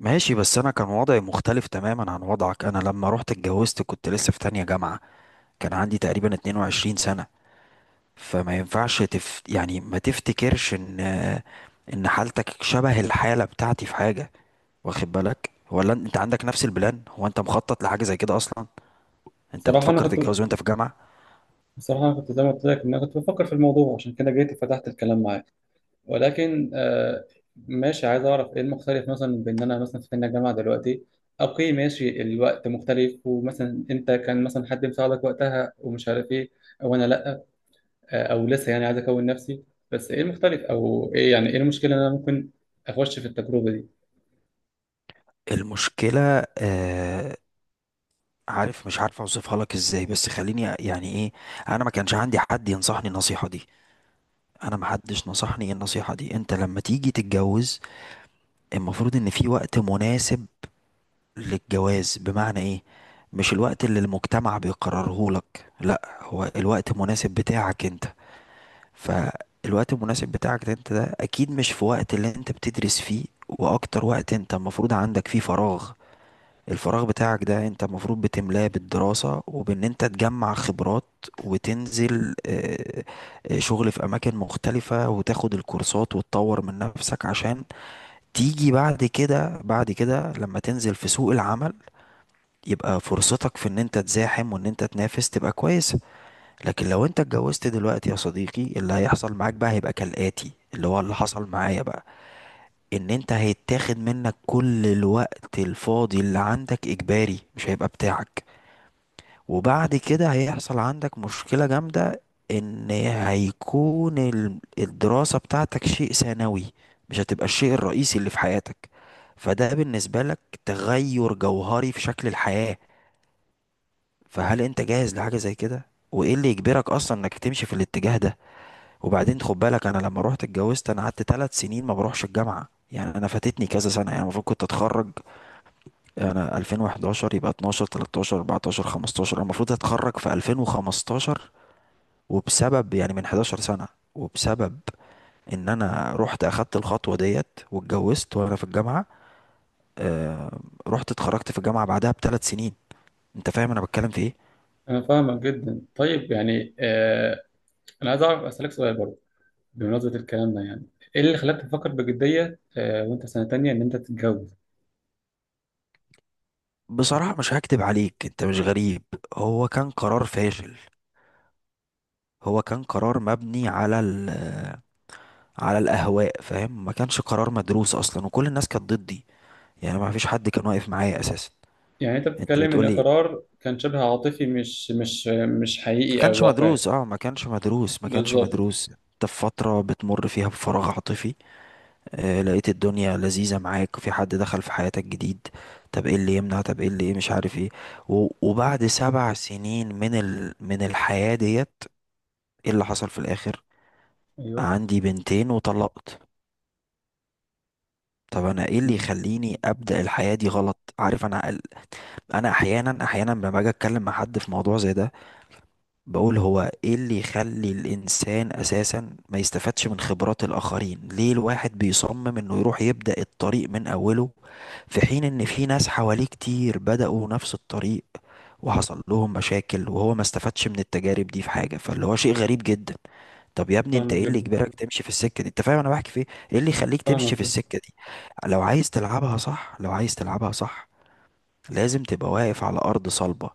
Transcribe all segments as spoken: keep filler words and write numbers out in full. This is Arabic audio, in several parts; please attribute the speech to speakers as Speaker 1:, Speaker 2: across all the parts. Speaker 1: ماشي، بس انا كان وضعي مختلف تماما عن وضعك. انا لما رحت اتجوزت كنت لسه في تانية جامعة. كان عندي تقريبا اتنين وعشرين سنة. فما ينفعش تف... يعني ما تفتكرش ان ان حالتك شبه الحالة بتاعتي في حاجة، واخد بالك؟ ولا انت عندك نفس البلان؟ هو انت مخطط لحاجة زي كده اصلا؟ انت
Speaker 2: صراحة أنا
Speaker 1: بتفكر
Speaker 2: كنت
Speaker 1: تتجوز وانت في جامعة؟
Speaker 2: بصراحة، أنا كنت زي ما قلت لك إن أنا كنت بفكر في الموضوع، عشان كده جيت وفتحت الكلام معاك. ولكن آه ماشي، عايز أعرف إيه المختلف مثلا بين إن أنا مثلا في سن الجامعة دلوقتي. أوكي ماشي، الوقت مختلف، ومثلا أنت كان مثلا حد مساعدك وقتها ومش عارف إيه، أو أنا لأ. آه، أو لسه يعني عايز أكون نفسي. بس إيه المختلف، أو إيه يعني إيه المشكلة إن أنا ممكن أخش في التجربة دي؟
Speaker 1: المشكلة آه... عارف، مش عارف اوصفها لك ازاي، بس خليني يعني ايه. انا ما كانش عندي حد ينصحني النصيحة دي. انا محدش نصحني النصيحة دي. انت لما تيجي تتجوز المفروض ان في وقت مناسب للجواز. بمعنى ايه؟ مش الوقت اللي المجتمع بيقرره لك، لا، هو الوقت المناسب بتاعك انت. فالوقت المناسب بتاعك ده انت ده اكيد مش في وقت اللي انت بتدرس فيه، واكتر وقت انت المفروض عندك فيه فراغ. الفراغ بتاعك ده انت المفروض بتملاه بالدراسة وبان انت تجمع خبرات، وتنزل آه، آه، شغل في اماكن مختلفة، وتاخد الكورسات، وتطور من نفسك، عشان تيجي بعد كده بعد كده لما تنزل في سوق العمل يبقى فرصتك في ان انت تزاحم وان انت تنافس تبقى كويسة. لكن لو انت اتجوزت دلوقتي يا صديقي، اللي هيحصل معاك بقى هيبقى كالآتي، اللي هو اللي حصل معايا بقى. ان انت هيتاخد منك كل الوقت الفاضي اللي عندك اجباري، مش هيبقى بتاعك. وبعد كده هيحصل عندك مشكلة جامدة، ان هيكون ال- الدراسة بتاعتك شيء ثانوي، مش هتبقى الشيء الرئيسي اللي في حياتك. فده بالنسبة لك تغير جوهري في شكل الحياة. فهل انت جاهز لحاجة زي كده؟ وايه اللي يجبرك اصلا انك تمشي في الاتجاه ده؟ وبعدين خد بالك، انا لما روحت اتجوزت انا قعدت ثلاث سنين ما بروحش الجامعة. يعني انا فاتتني كذا سنة. يعني المفروض كنت اتخرج انا الفين واحد عشر، يبقى اتناشر، ثلاثة عشر، اربعتاشر، خمستاشر، انا المفروض اتخرج في الفين وخمستاشر. وبسبب، يعني من حداشر سنة، وبسبب ان انا رحت اخدت الخطوة ديت واتجوزت وانا في الجامعة، آه رحت اتخرجت في الجامعة بعدها بثلاث سنين. انت فاهم انا بتكلم في ايه؟
Speaker 2: أنا فاهمك جدا. طيب يعني آه أنا عايز أعرف، أسألك سؤال برضه بمناسبة الكلام ده. يعني ايه اللي خلاك تفكر بجدية آه، وانت في سنة تانية ان انت تتجوز؟
Speaker 1: بصراحة مش هكدب عليك انت مش غريب، هو كان قرار فاشل. هو كان قرار مبني على ال آه، على الاهواء، فاهم؟ ما كانش قرار مدروس اصلا، وكل الناس كانت ضدي. يعني ما فيش حد كان واقف معايا اساسا.
Speaker 2: يعني انت
Speaker 1: انت
Speaker 2: بتتكلم ان
Speaker 1: بتقولي
Speaker 2: القرار كان شبه عاطفي، مش مش مش
Speaker 1: ما
Speaker 2: حقيقي او
Speaker 1: كانش
Speaker 2: واقعي؟
Speaker 1: مدروس؟ اه، ما كانش مدروس ما كانش
Speaker 2: بالظبط.
Speaker 1: مدروس انت في فترة بتمر فيها بفراغ عاطفي، آه لقيت الدنيا لذيذة معاك، في حد دخل في حياتك جديد، طب ايه اللي يمنع؟ طب ايه اللي ايه مش عارف ايه. و- وبعد سبع سنين من ال... من الحياة ديت، ايه اللي حصل في الاخر؟
Speaker 2: ايوه.
Speaker 1: عندي بنتين وطلقت. طب انا ايه اللي
Speaker 2: مم.
Speaker 1: يخليني ابدأ الحياة دي غلط؟ عارف، انا انا احيانا احيانا لما باجي اتكلم مع حد في موضوع زي ده بقول هو ايه اللي يخلي الانسان اساسا ما يستفادش من خبرات الاخرين؟ ليه الواحد بيصمم انه يروح يبدأ الطريق من اوله في حين ان في ناس حواليه كتير بدأوا نفس الطريق وحصل لهم مشاكل، وهو ما استفادش من التجارب دي في حاجة؟ فاللي هو شيء غريب جدا. طب يا ابني انت
Speaker 2: فاهمك
Speaker 1: ايه اللي
Speaker 2: جدا.
Speaker 1: يجبرك تمشي في السكة دي؟ انت فاهم انا بحكي في ايه؟ ايه اللي يخليك تمشي
Speaker 2: فاهمك
Speaker 1: في
Speaker 2: جدا.
Speaker 1: السكة دي؟ لو عايز تلعبها صح لو عايز تلعبها صح لازم تبقى واقف على ارض صلبة،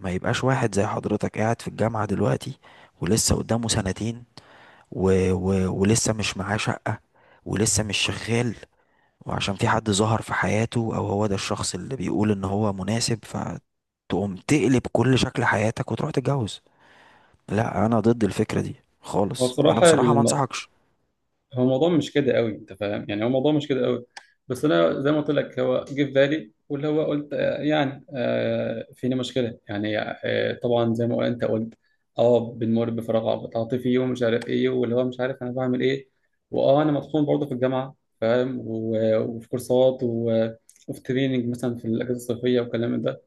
Speaker 1: ما يبقاش واحد زي حضرتك قاعد في الجامعة دلوقتي ولسه قدامه سنتين و... و... ولسه مش معاه شقة، ولسه مش شغال، وعشان في حد ظهر في حياته او هو ده الشخص اللي بيقول ان هو مناسب فتقوم تقلب كل شكل حياتك وتروح تتجوز. لا، انا ضد الفكرة دي
Speaker 2: هو
Speaker 1: خالص. انا
Speaker 2: بصراحة
Speaker 1: بصراحة ما
Speaker 2: الم-
Speaker 1: انصحكش.
Speaker 2: هو الموضوع مش كده قوي، انت فاهم يعني، هو الموضوع مش كده قوي. بس انا زي ما قلت لك هو جه في بالي، واللي هو قلت آه، يعني آه، فينا مشكله، يعني آه، طبعا زي ما انت قلت. اه بنمر بفراغ عاطفي ومش عارف ايه، واللي هو مش عارف انا بعمل ايه. واه انا مطحون برضه في الجامعه، فاهم، و- وفي كورسات، و- وفي تريننج مثلا في الاجازه الصيفيه والكلام ده.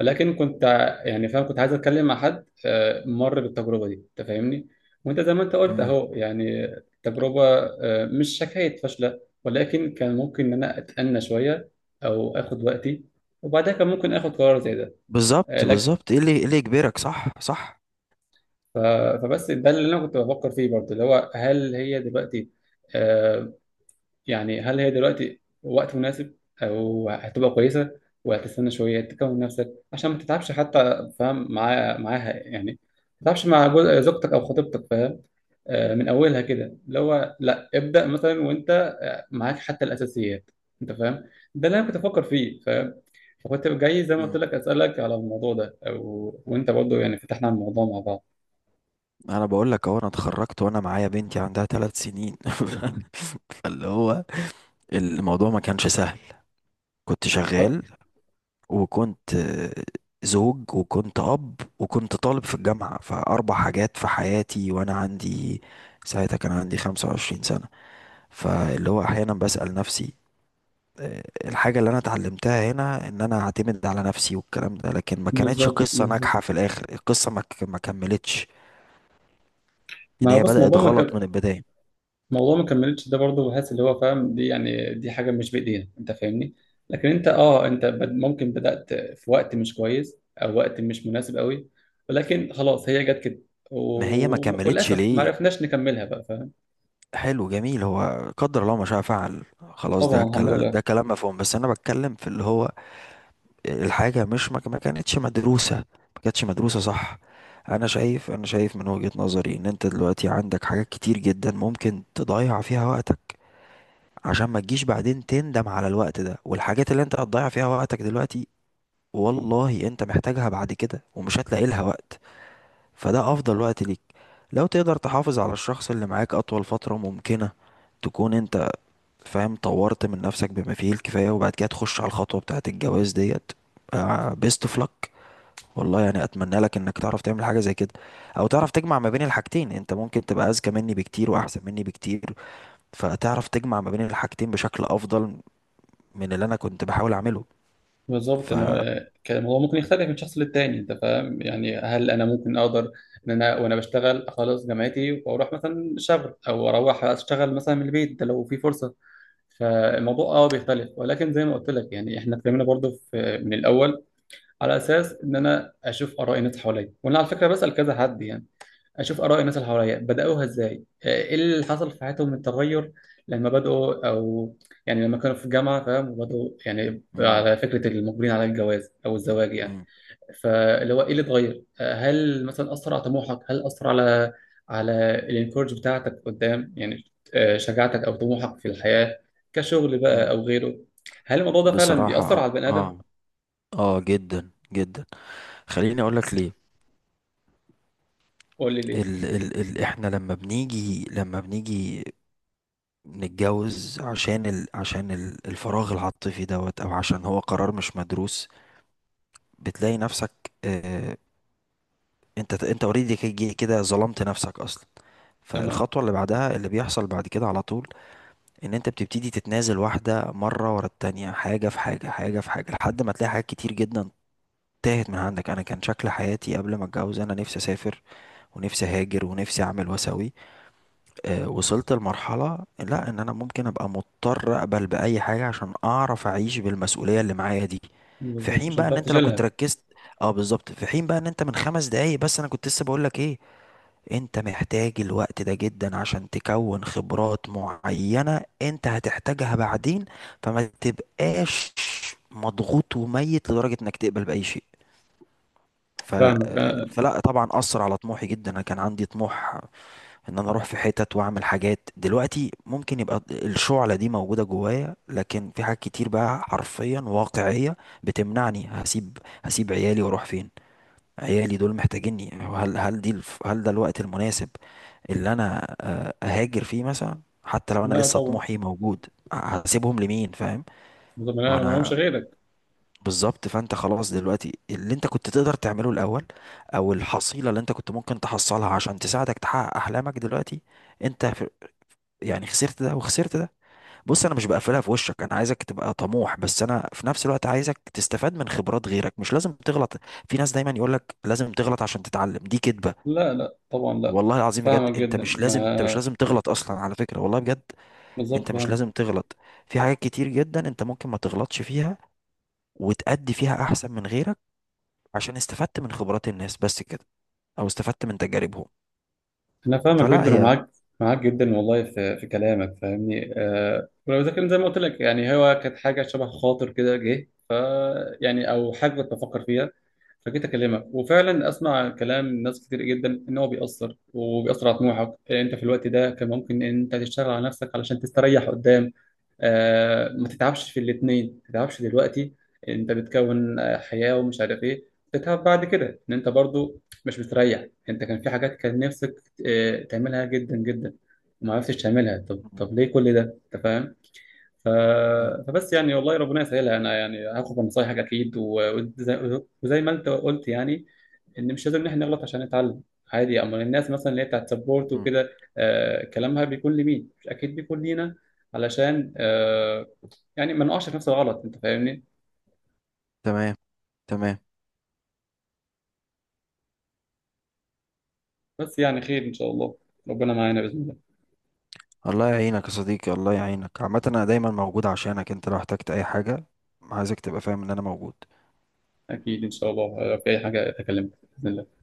Speaker 2: لكن كنت ع- يعني فاهم، كنت عايز اتكلم مع حد آه، مر بالتجربه دي، انت فاهمني. وانت زي ما انت قلت
Speaker 1: مم.
Speaker 2: اهو، يعني التجربه آه، مش حكايه فاشله، ولكن كان ممكن ان انا اتأنى شويه او اخد وقتي، وبعدها كان ممكن اخد قرار زي ده. آه،
Speaker 1: بالظبط
Speaker 2: لك
Speaker 1: بالظبط ايه اللي ايه اللي يجبرك؟ صح صح.
Speaker 2: آه، فبس ده اللي انا كنت بفكر فيه برضه، اللي هو هل هي دلوقتي، آه، يعني هل هي دلوقتي وقت مناسب، او هتبقى كويسه وهتستنى شويه تكون نفسك عشان ما تتعبش حتى، فاهم، معاها معاها يعني ما تتعبش مع جو- زوجتك او خطيبتك، فاهم، آه، من اولها كده، اللي هو لا ابدا مثلا وانت معاك حتى الاساسيات، انت فاهم. ده اللي انا كنت افكر فيه، فاهم. فكنت جاي زي ما قلت
Speaker 1: مم.
Speaker 2: لك اسالك على الموضوع ده، او وانت برضه يعني فتحنا على الموضوع مع بعض.
Speaker 1: انا بقول لك اهو، انا اتخرجت وانا معايا بنتي عندها ثلاث سنين. فاللي هو الموضوع ما كانش سهل. كنت
Speaker 2: طب.
Speaker 1: شغال، وكنت آه، زوج، وكنت أب، وكنت طالب في الجامعة، فأربع حاجات في حياتي، وأنا عندي ساعتها كان عندي خمسة وعشرين سنة. فاللي هو أحيانا بسأل نفسي، آه، الحاجة اللي أنا اتعلمتها هنا إن أنا أعتمد على نفسي والكلام ده، لكن ما كانتش
Speaker 2: بالظبط،
Speaker 1: قصة
Speaker 2: بالظبط.
Speaker 1: ناجحة في الآخر. القصة ما ك- ما كملتش، إن
Speaker 2: ما هو
Speaker 1: هي
Speaker 2: بص،
Speaker 1: بدأت
Speaker 2: موضوع،
Speaker 1: غلط من البداية.
Speaker 2: موضوع ما كملتش ده برضه بحس اللي هو فاهم، دي يعني دي حاجه مش بايدينا، انت فاهمني. لكن انت اه انت بد- ممكن بدات في وقت مش كويس او وقت مش مناسب قوي، ولكن خلاص هي جت كده
Speaker 1: ما هي ما
Speaker 2: و...
Speaker 1: كملتش
Speaker 2: وللاسف ما
Speaker 1: ليه؟
Speaker 2: عرفناش نكملها بقى، فاهم.
Speaker 1: حلو، جميل، هو قدر الله ما شاء فعل، خلاص، ده
Speaker 2: طبعا الحمد
Speaker 1: كلام ده
Speaker 2: لله.
Speaker 1: كلام مفهوم، بس انا بتكلم في اللي هو الحاجه مش، ما ما كانتش مدروسه. ما كانتش مدروسه، صح؟ انا شايف انا شايف من وجهه نظري ان انت دلوقتي عندك حاجات كتير جدا ممكن تضيع فيها وقتك، عشان ما تجيش بعدين تندم على الوقت ده والحاجات اللي انت هتضيع فيها وقتك دلوقتي. والله انت محتاجها بعد كده ومش هتلاقي لها وقت. فده افضل وقت ليك، لو تقدر تحافظ على الشخص اللي معاك اطول فتره ممكنه، تكون انت فاهم طورت من نفسك بما فيه الكفاية، وبعد كده تخش على الخطوة بتاعة الجواز ديت. بيست اوف لك. والله يعني اتمنى لك انك تعرف تعمل حاجة زي كده، او تعرف تجمع ما بين الحاجتين. انت ممكن تبقى اذكى مني بكتير واحسن مني بكتير، فتعرف تجمع ما بين الحاجتين بشكل افضل من اللي انا كنت بحاول اعمله.
Speaker 2: بالظبط.
Speaker 1: ف
Speaker 2: انا آه، كان الموضوع ممكن يختلف من شخص للتاني، انت فاهم يعني، هل انا ممكن اقدر ان انا وانا بشتغل اخلص جامعتي واروح مثلا شغل، او اروح اشتغل مثلا من البيت ده لو في فرصه؟ فالموضوع اه بيختلف، ولكن زي ما قلت لك يعني احنا اتكلمنا برضو في من الاول على اساس ان انا اشوف اراء الناس اللي حواليا، وانا على فكره بسال كذا حد يعني، اشوف اراء الناس اللي حواليا بداوها ازاي، آه، ايه اللي حصل في حياتهم من تغير لما بداوا، او يعني لما كانوا في الجامعه، فاهم، وبداوا، يعني
Speaker 1: مم.
Speaker 2: على فكره المقبلين على الجواز او الزواج يعني.
Speaker 1: مم.
Speaker 2: فاللي هو ايه اللي اتغير؟ آه، هل مثلا اثر على طموحك؟ هل اثر على على الانكورج بتاعتك قدام، يعني آه، شجاعتك او طموحك في الحياه كشغل بقى
Speaker 1: مم.
Speaker 2: او غيره؟ هل الموضوع ده فعلا
Speaker 1: بصراحة،
Speaker 2: بيأثر
Speaker 1: اه
Speaker 2: على البني ادم؟
Speaker 1: اه آه، جدا جدا. خليني اقول لك ليه.
Speaker 2: قول لي ليه؟
Speaker 1: ال ال ال احنا لما بنيجي لما بنيجي نتجوز عشان ال... عشان ال- الفراغ العاطفي دوت، او عشان هو قرار مش مدروس، بتلاقي نفسك، آه، انت انت اوريدي كي- كده ظلمت نفسك اصلا.
Speaker 2: تمام.
Speaker 1: فالخطوة اللي بعدها اللي بيحصل بعد كده على طول ان انت بتبتدي تتنازل واحدة مرة ورا التانية، حاجة في حاجة حاجة في حاجة، لحد ما تلاقي حاجات كتير جدا تاهت من عندك. انا كان شكل حياتي قبل ما اتجوز انا نفسي اسافر، ونفسي اهاجر، ونفسي اعمل واسوي، آه، وصلت لمرحلة لا، ان انا ممكن ابقى مضطر اقبل باي حاجة عشان اعرف اعيش بالمسؤولية اللي معايا دي. في
Speaker 2: بالظبط
Speaker 1: حين
Speaker 2: عشان
Speaker 1: بقى ان
Speaker 2: تعرف
Speaker 1: انت لو كنت
Speaker 2: تشيلها.
Speaker 1: ركزت، اه بالظبط، في حين بقى ان انت من خمس دقايق بس انا كنت لسه بقول لك ايه، انت محتاج الوقت ده جدا عشان تكون خبرات معينة انت هتحتاجها بعدين، فما تبقاش مضغوط وميت لدرجة انك تقبل باي شيء. ف...
Speaker 2: فاهمك.
Speaker 1: آه،
Speaker 2: آه،
Speaker 1: فلا طبعا اثر على طموحي جدا. انا كان عندي طموح ان انا اروح في حتت واعمل حاجات. دلوقتي ممكن يبقى الشعلة دي موجودة جوايا، لكن في حاجات كتير بقى حرفيا واقعية بتمنعني. هسيب هسيب عيالي واروح فين؟ عيالي دول محتاجيني. هل هل دي الف- هل ده الوقت المناسب اللي انا آه، اهاجر فيه مثلا حتى لو انا
Speaker 2: لا
Speaker 1: لسه
Speaker 2: طبعا.
Speaker 1: طموحي موجود؟ هسيبهم لمين؟ فاهم؟
Speaker 2: بالظبط،
Speaker 1: ما
Speaker 2: ما لهمش
Speaker 1: انا
Speaker 2: غيرك.
Speaker 1: بالظبط. فانت خلاص دلوقتي اللي انت كنت تقدر تعمله الاول، او الحصيلة اللي انت كنت ممكن تحصلها عشان تساعدك تحقق احلامك دلوقتي، انت يعني خسرت ده وخسرت ده. بص، انا مش بقفلها في وشك، انا عايزك تبقى طموح، بس انا في نفس الوقت عايزك تستفاد من خبرات غيرك. مش لازم تغلط. في ناس دايما يقول لك لازم تغلط عشان تتعلم، دي كدبة.
Speaker 2: لا لا طبعا لا.
Speaker 1: والله العظيم بجد،
Speaker 2: فاهمك
Speaker 1: انت
Speaker 2: جدا.
Speaker 1: مش لازم انت مش
Speaker 2: ما
Speaker 1: لازم تغلط اصلا، على فكرة، والله بجد
Speaker 2: بالظبط
Speaker 1: انت مش لازم
Speaker 2: فاهمك.
Speaker 1: تغلط. في حاجات كتير جدا انت ممكن ما تغلطش فيها وتأدي فيها احسن من غيرك عشان استفدت من خبرات الناس، بس كده، او استفدت من تجاربهم.
Speaker 2: انا فاهمك
Speaker 1: فلا
Speaker 2: جدا
Speaker 1: هي
Speaker 2: ومعاك، معاك جدا والله في في كلامك، فاهمني أه ولو ذاكر زي ما قلت لك يعني هو كانت حاجه شبه خاطر كده جه، يعني او حاجه كنت بفكر فيها. فجيت اكلمك وفعلا اسمع كلام ناس كتير جدا ان هو بيأثر، وبيأثر على طموحك، إيه، انت في الوقت ده كان ممكن ان انت تشتغل على نفسك علشان تستريح قدام، آه، ما تتعبش في الاثنين. ما تتعبش دلوقتي، انت بتكون آه، حياة ومش عارف ايه، تتعب بعد كده ان انت برضو مش بتريح. انت كان في حاجات كان نفسك آه، تعملها جدا جدا وما عرفتش تعملها. طب
Speaker 1: م-
Speaker 2: طب ليه كل ده، انت فاهم؟ ف...
Speaker 1: م-
Speaker 2: فبس يعني والله ربنا يسهلها. انا يعني هاخد من نصايحك اكيد، و... وزي... وزي ما انت قلت يعني ان مش لازم ان احنا نغلط عشان نتعلم. عادي، اما الناس مثلا اللي هي بتاعت سبورت
Speaker 1: م-
Speaker 2: وكده آه كلامها بيكون لمين، مش اكيد بيكون لينا، علشان آه يعني ما نقعش في نفس الغلط، انت فاهمني.
Speaker 1: تمام، تمام.
Speaker 2: بس يعني خير ان شاء الله. ربنا معانا باذن الله.
Speaker 1: الله يعينك يا صديقي، الله يعينك. عامة أنا دايما موجود عشانك، أنت لو احتجت أي حاجة. عايزك تبقى فاهم إن أنا موجود.
Speaker 2: اكيد ان شاء الله، آه، في اي حاجه اكلمك باذن الله.